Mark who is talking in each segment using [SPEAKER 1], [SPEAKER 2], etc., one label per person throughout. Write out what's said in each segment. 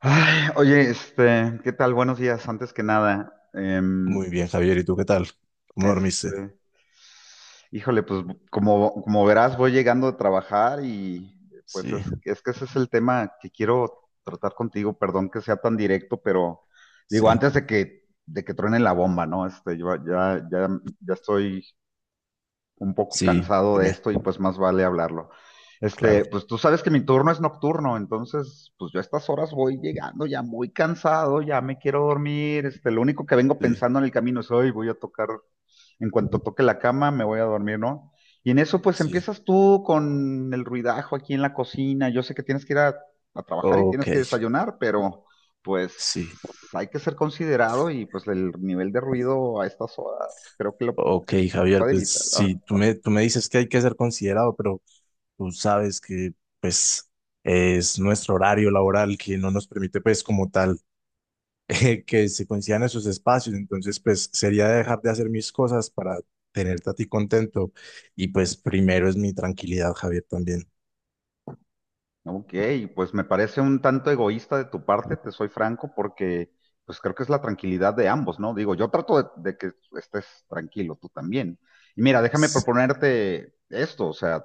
[SPEAKER 1] Ay, oye, ¿qué tal? Buenos días, antes que nada.
[SPEAKER 2] Muy bien, Javier, ¿y tú qué tal? ¿Cómo dormiste?
[SPEAKER 1] Este, Híjole, pues como verás, voy llegando a trabajar y pues es,
[SPEAKER 2] Sí,
[SPEAKER 1] es que ese es el tema que quiero tratar contigo. Perdón que sea tan directo, pero digo,
[SPEAKER 2] sí,
[SPEAKER 1] antes de que truene la bomba, ¿no? Yo ya estoy un poco
[SPEAKER 2] sí,
[SPEAKER 1] cansado de
[SPEAKER 2] dime,
[SPEAKER 1] esto y pues más vale hablarlo.
[SPEAKER 2] claro,
[SPEAKER 1] Pues tú sabes que mi turno es nocturno, entonces pues yo a estas horas voy llegando ya muy cansado, ya me quiero dormir, lo único que vengo
[SPEAKER 2] sí,
[SPEAKER 1] pensando en el camino es hoy voy a tocar, en cuanto toque la cama me voy a dormir, ¿no? Y en eso pues
[SPEAKER 2] sí.
[SPEAKER 1] empiezas tú con el ruidajo aquí en la cocina, yo sé que tienes que ir a trabajar y
[SPEAKER 2] Ok,
[SPEAKER 1] tienes que desayunar, pero pues
[SPEAKER 2] sí,
[SPEAKER 1] hay que ser considerado y pues el nivel de ruido a estas horas creo que lo
[SPEAKER 2] ok,
[SPEAKER 1] que se
[SPEAKER 2] Javier,
[SPEAKER 1] puede
[SPEAKER 2] pues
[SPEAKER 1] evitar, ¿no?
[SPEAKER 2] sí, tú me dices que hay que ser considerado, pero tú sabes que pues es nuestro horario laboral que no nos permite pues como tal que se coincidan esos espacios, entonces pues sería dejar de hacer mis cosas para tenerte a ti contento y pues primero es mi tranquilidad, Javier, también.
[SPEAKER 1] Ok, pues me parece un tanto egoísta de tu parte, te soy franco, porque pues creo que es la tranquilidad de ambos, ¿no? Digo, yo trato de que estés tranquilo, tú también. Y mira, déjame
[SPEAKER 2] S-
[SPEAKER 1] proponerte esto, o sea,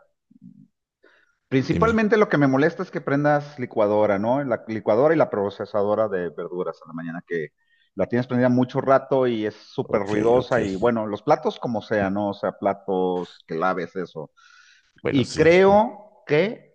[SPEAKER 2] Dime,
[SPEAKER 1] principalmente lo que me molesta es que prendas licuadora, ¿no? La licuadora y la procesadora de verduras a la mañana, que la tienes prendida mucho rato y es súper
[SPEAKER 2] ok, ok.
[SPEAKER 1] ruidosa y bueno, los platos como sea, ¿no? O sea, platos que laves, eso.
[SPEAKER 2] Bueno,
[SPEAKER 1] Y
[SPEAKER 2] sí.
[SPEAKER 1] creo que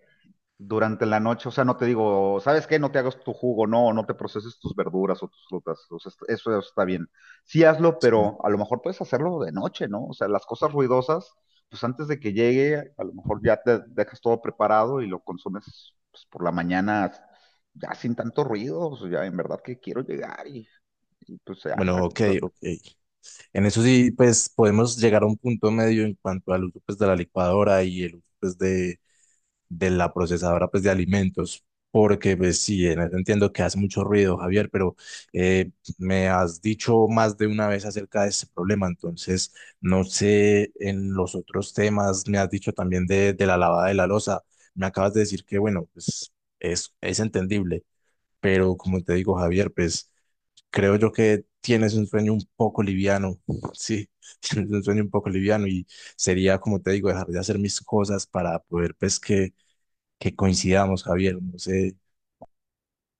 [SPEAKER 1] durante la noche, o sea, no te digo, ¿sabes qué? No te hagas tu jugo, no te proceses tus verduras o tus frutas, o sea, eso está bien. Sí hazlo,
[SPEAKER 2] Sí.
[SPEAKER 1] pero a lo mejor puedes hacerlo de noche, ¿no? O sea, las cosas ruidosas, pues antes de que llegue, a lo mejor ya te dejas todo preparado y lo consumes pues, por la mañana ya sin tanto ruido, o sea, ya en verdad que quiero llegar pues ya.
[SPEAKER 2] Bueno, ok, ok. En eso sí, pues podemos llegar a un punto medio en cuanto al uso pues, de la licuadora y el uso pues, de la procesadora pues, de alimentos, porque pues, sí, en eso entiendo que hace mucho ruido, Javier, pero eh, me has dicho más de una vez acerca de ese problema, entonces no sé, en los otros temas me has dicho también de la lavada de la losa, me acabas de decir que bueno, pues es entendible, pero como te digo, Javier, pues creo yo que tienes un sueño un poco liviano, sí, tienes un sueño un poco liviano y sería, como te digo, dejar de hacer mis cosas para poder, pues, que coincidamos, Javier, no sé,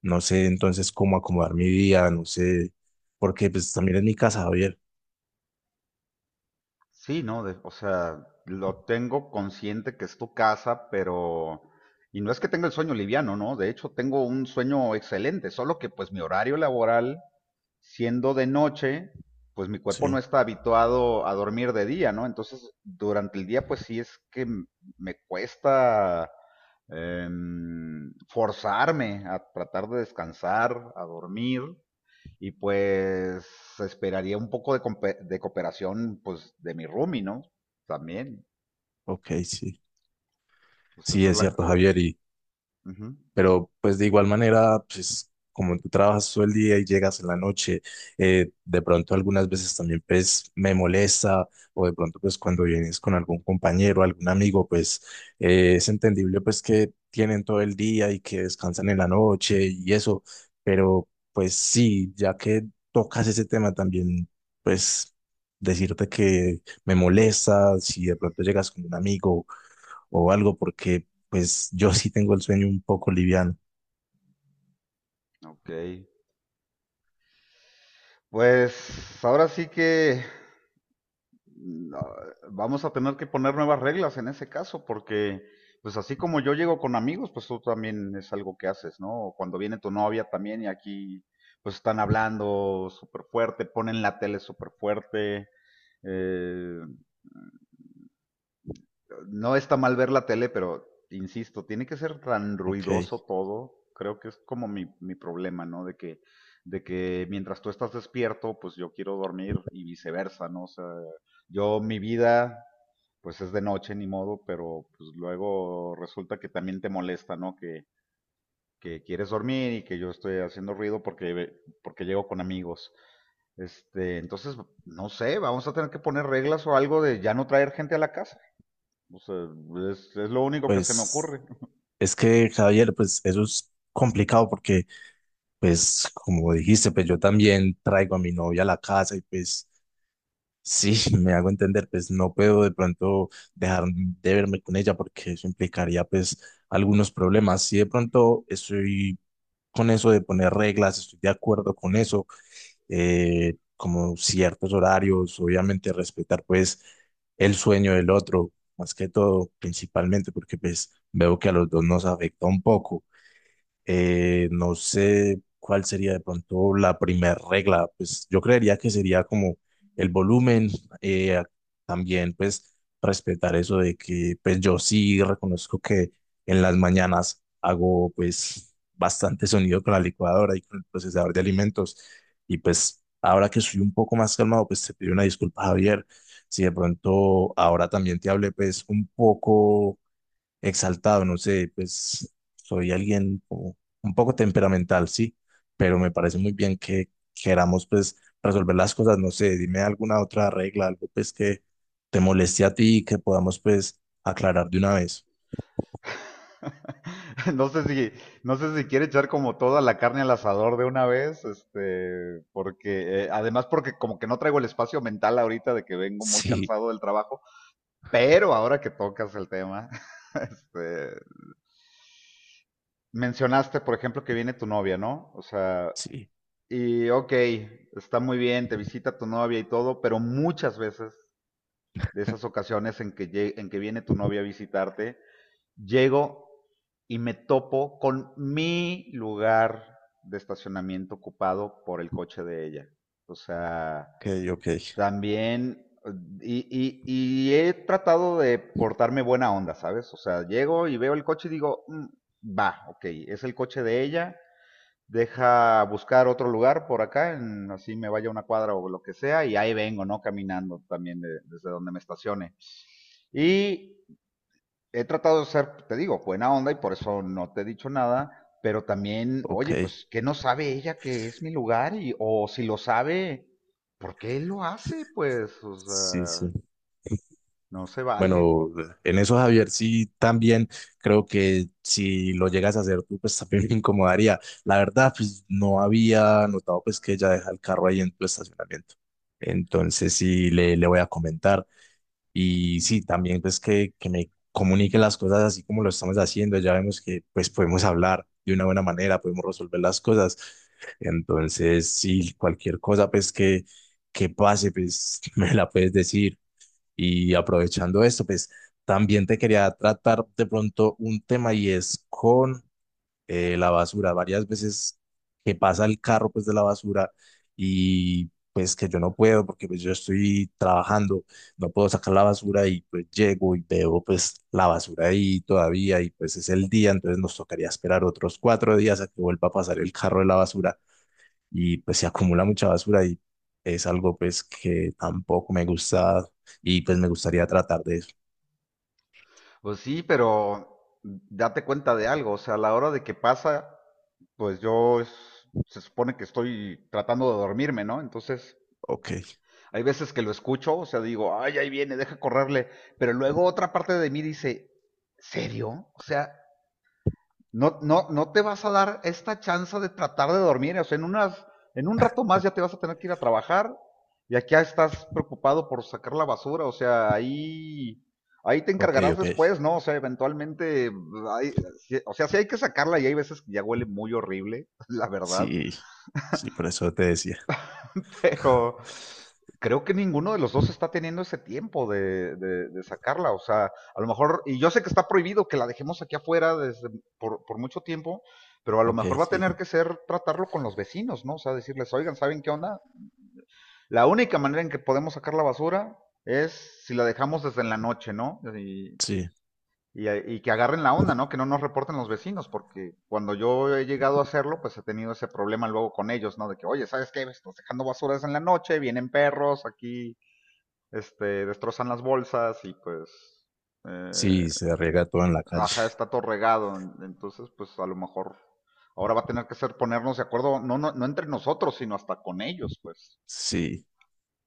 [SPEAKER 2] no sé entonces cómo acomodar mi día, no sé, porque pues también es mi casa, Javier.
[SPEAKER 1] Sí, no, o sea, lo tengo consciente que es tu casa, pero... Y no es que tenga el sueño liviano, ¿no? De hecho, tengo un sueño excelente, solo que pues mi horario laboral siendo de noche, pues mi cuerpo no
[SPEAKER 2] Sí,
[SPEAKER 1] está habituado a dormir de día, ¿no? Entonces, durante el día, pues sí es que me cuesta forzarme a tratar de descansar, a dormir, y pues esperaría un poco de, de cooperación, pues, de mi roomie, ¿no? También,
[SPEAKER 2] ok, sí.
[SPEAKER 1] pues
[SPEAKER 2] Sí,
[SPEAKER 1] esa es
[SPEAKER 2] es
[SPEAKER 1] la...
[SPEAKER 2] cierto,
[SPEAKER 1] eh,
[SPEAKER 2] Javier.
[SPEAKER 1] ujú.
[SPEAKER 2] Pero pues de igual manera, pues como tú trabajas todo el día y llegas en la noche, de pronto algunas veces también pues me molesta o de pronto pues cuando vienes con algún compañero, algún amigo, pues es entendible pues que tienen todo el día y que descansan en la noche y eso, pero pues sí, ya que tocas ese tema también, pues decirte que me molesta si de pronto llegas con un amigo o algo porque pues yo sí tengo el sueño un poco liviano.
[SPEAKER 1] Ok. Pues ahora sí que no, vamos a tener que poner nuevas reglas en ese caso, porque pues así como yo llego con amigos, pues tú también es algo que haces, ¿no? O cuando viene tu novia también y aquí pues están hablando súper fuerte, ponen la tele súper fuerte. eh, no está mal ver la tele, pero insisto, tiene que ser tan
[SPEAKER 2] Ok,
[SPEAKER 1] ruidoso todo. Creo que es como mi problema, ¿no? De que mientras tú estás despierto, pues yo quiero dormir y viceversa, ¿no? O sea, yo mi vida pues es de noche, ni modo, pero pues luego resulta que también te molesta, ¿no? Que quieres dormir y que yo estoy haciendo ruido porque llego con amigos. Entonces, no sé, vamos a tener que poner reglas o algo de ya no traer gente a la casa. O sea, es lo único que se me
[SPEAKER 2] pues
[SPEAKER 1] ocurre.
[SPEAKER 2] es que, Javier, pues eso es complicado porque, pues como dijiste, pues yo también traigo a mi novia a la casa y pues sí, me hago entender, pues no puedo de pronto dejar de verme con ella porque eso implicaría pues algunos problemas. Si de pronto estoy con eso de poner reglas, estoy de acuerdo con eso, como ciertos horarios, obviamente respetar pues el sueño del otro, más que todo, principalmente porque pues veo que a los dos nos afecta un poco. No sé cuál sería de pronto la primera regla. Pues yo creería que sería como el volumen. eh, También pues respetar eso de que pues yo sí reconozco que en las mañanas hago pues bastante sonido con la licuadora y con el procesador de alimentos. Y pues ahora que soy un poco más calmado, pues te pido una disculpa, Javier. Si de pronto ahora también te hablé pues un poco exaltado, no sé, pues soy alguien como un poco temperamental, sí, pero me parece muy bien que queramos pues resolver las cosas, no sé, dime alguna otra regla, algo pues que te moleste a ti y que podamos pues aclarar de una vez.
[SPEAKER 1] no sé si, no sé si quiere echar como toda la carne al asador de una vez, porque, además porque como que no traigo el espacio mental ahorita de que vengo muy
[SPEAKER 2] Sí,
[SPEAKER 1] cansado del trabajo. Pero ahora que tocas el tema, este, mencionaste, por ejemplo, que viene tu novia, ¿no? O sea,
[SPEAKER 2] sí,
[SPEAKER 1] y ok, está muy bien, te visita tu novia y todo, pero muchas veces de esas ocasiones en que en que viene tu novia a visitarte, llego y me topo con mi lugar de estacionamiento ocupado por el coche de ella. O sea,
[SPEAKER 2] ok, ok,
[SPEAKER 1] también, y he tratado de portarme buena onda, ¿sabes? O sea, llego y veo el coche y digo, "Mm, va, ok, es el coche de ella, deja buscar otro lugar por acá, así me vaya una cuadra o lo que sea, y ahí vengo, ¿no? Caminando también desde donde me estacione. Y he tratado de ser, te digo, buena onda y por eso no te he dicho nada, pero también,
[SPEAKER 2] ok,
[SPEAKER 1] oye, pues, ¿qué no sabe ella que es mi lugar? Y, o si lo sabe, ¿por qué lo hace? Pues, o
[SPEAKER 2] sí,
[SPEAKER 1] sea,
[SPEAKER 2] sí.
[SPEAKER 1] no se vale.
[SPEAKER 2] Bueno, en eso, Javier, sí, también creo que si lo llegas a hacer tú, pues también me incomodaría. La verdad, pues no había notado pues que ella deja el carro ahí en tu estacionamiento. Entonces sí, le voy a comentar. Y sí, también pues que me comunique las cosas así como lo estamos haciendo. Ya vemos que pues podemos hablar de una buena manera, podemos resolver las cosas. Entonces sí, cualquier cosa pues que pase, pues me la puedes decir y aprovechando esto, pues también te quería tratar de pronto un tema y es con la basura. Varias veces que pasa el carro pues de la basura y pues que yo no puedo porque pues yo estoy trabajando, no puedo sacar la basura y pues llego y veo pues la basura ahí todavía y pues es el día, entonces nos tocaría esperar otros 4 días a que vuelva a pasar el carro de la basura y pues se acumula mucha basura y es algo pues que tampoco me gusta y pues me gustaría tratar de eso.
[SPEAKER 1] Pues sí, pero date cuenta de algo, o sea, a la hora de que pasa, pues se supone que estoy tratando de dormirme, ¿no? Entonces,
[SPEAKER 2] Ok,
[SPEAKER 1] hay veces que lo escucho, o sea, digo, ay, ahí viene, deja correrle, pero luego otra parte de mí dice, ¿serio? O sea, no te vas a dar esta chance de tratar de dormir. O sea, en un rato más ya te vas a tener que ir a trabajar y aquí estás preocupado por sacar la basura. O sea, ahí te
[SPEAKER 2] ok,
[SPEAKER 1] encargarás
[SPEAKER 2] ok.
[SPEAKER 1] después, ¿no? O sea, eventualmente, hay- o sea, sí hay que sacarla y hay veces que ya huele muy horrible, la verdad.
[SPEAKER 2] Sí, sí, por eso te decía.
[SPEAKER 1] Pero creo que ninguno de los dos está teniendo ese tiempo de sacarla. O sea, a lo mejor, y yo sé que está prohibido que la dejemos aquí afuera desde, por mucho tiempo, pero a lo
[SPEAKER 2] Ok,
[SPEAKER 1] mejor va a
[SPEAKER 2] sí,
[SPEAKER 1] tener que ser tratarlo con los vecinos, ¿no? O sea, decirles, oigan, ¿saben qué onda? La única manera en que podemos sacar la basura es si la dejamos desde en la noche, ¿no?
[SPEAKER 2] sí,
[SPEAKER 1] Y que agarren la onda, ¿no? Que no nos reporten los vecinos, porque cuando yo he llegado a hacerlo, pues he tenido ese problema luego con ellos, ¿no? De que, oye, ¿sabes qué? Estás dejando basuras en la noche, vienen perros aquí, destrozan las bolsas y pues, eh,
[SPEAKER 2] sí, se riega todo en la calle.
[SPEAKER 1] ajá, está todo regado. Entonces, pues a lo mejor ahora va a tener que ser ponernos de acuerdo, no entre nosotros, sino hasta con ellos, pues.
[SPEAKER 2] Sí,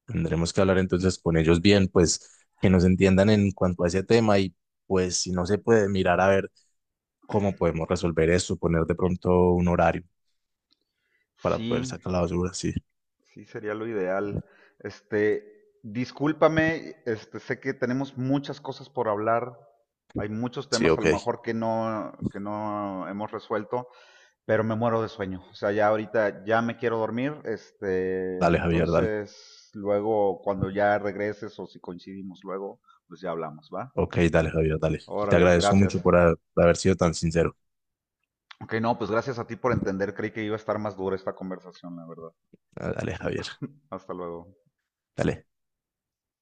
[SPEAKER 2] tendremos que hablar entonces con ellos bien, pues que nos entiendan en cuanto a ese tema y pues si no se puede mirar a ver cómo podemos resolver eso, poner de pronto un horario para poder
[SPEAKER 1] Sí,
[SPEAKER 2] sacar la basura. Sí,
[SPEAKER 1] sí, sería lo ideal. Discúlpame, sé que tenemos muchas cosas por hablar. Hay muchos
[SPEAKER 2] sí,
[SPEAKER 1] temas a lo
[SPEAKER 2] ok.
[SPEAKER 1] mejor que no hemos resuelto, pero me muero de sueño. O sea, ya ahorita ya me quiero dormir.
[SPEAKER 2] Dale, Javier, dale.
[SPEAKER 1] Entonces, luego cuando ya regreses o si coincidimos luego, pues ya hablamos, ¿va?
[SPEAKER 2] Ok, dale, Javier, dale. Te
[SPEAKER 1] Órale,
[SPEAKER 2] agradezco mucho
[SPEAKER 1] gracias.
[SPEAKER 2] por por haber sido tan sincero.
[SPEAKER 1] Ok, no, pues gracias a ti por entender. Creí que iba a estar más dura esta conversación, la verdad.
[SPEAKER 2] Ah, dale, Javier,
[SPEAKER 1] Hasta luego.
[SPEAKER 2] dale.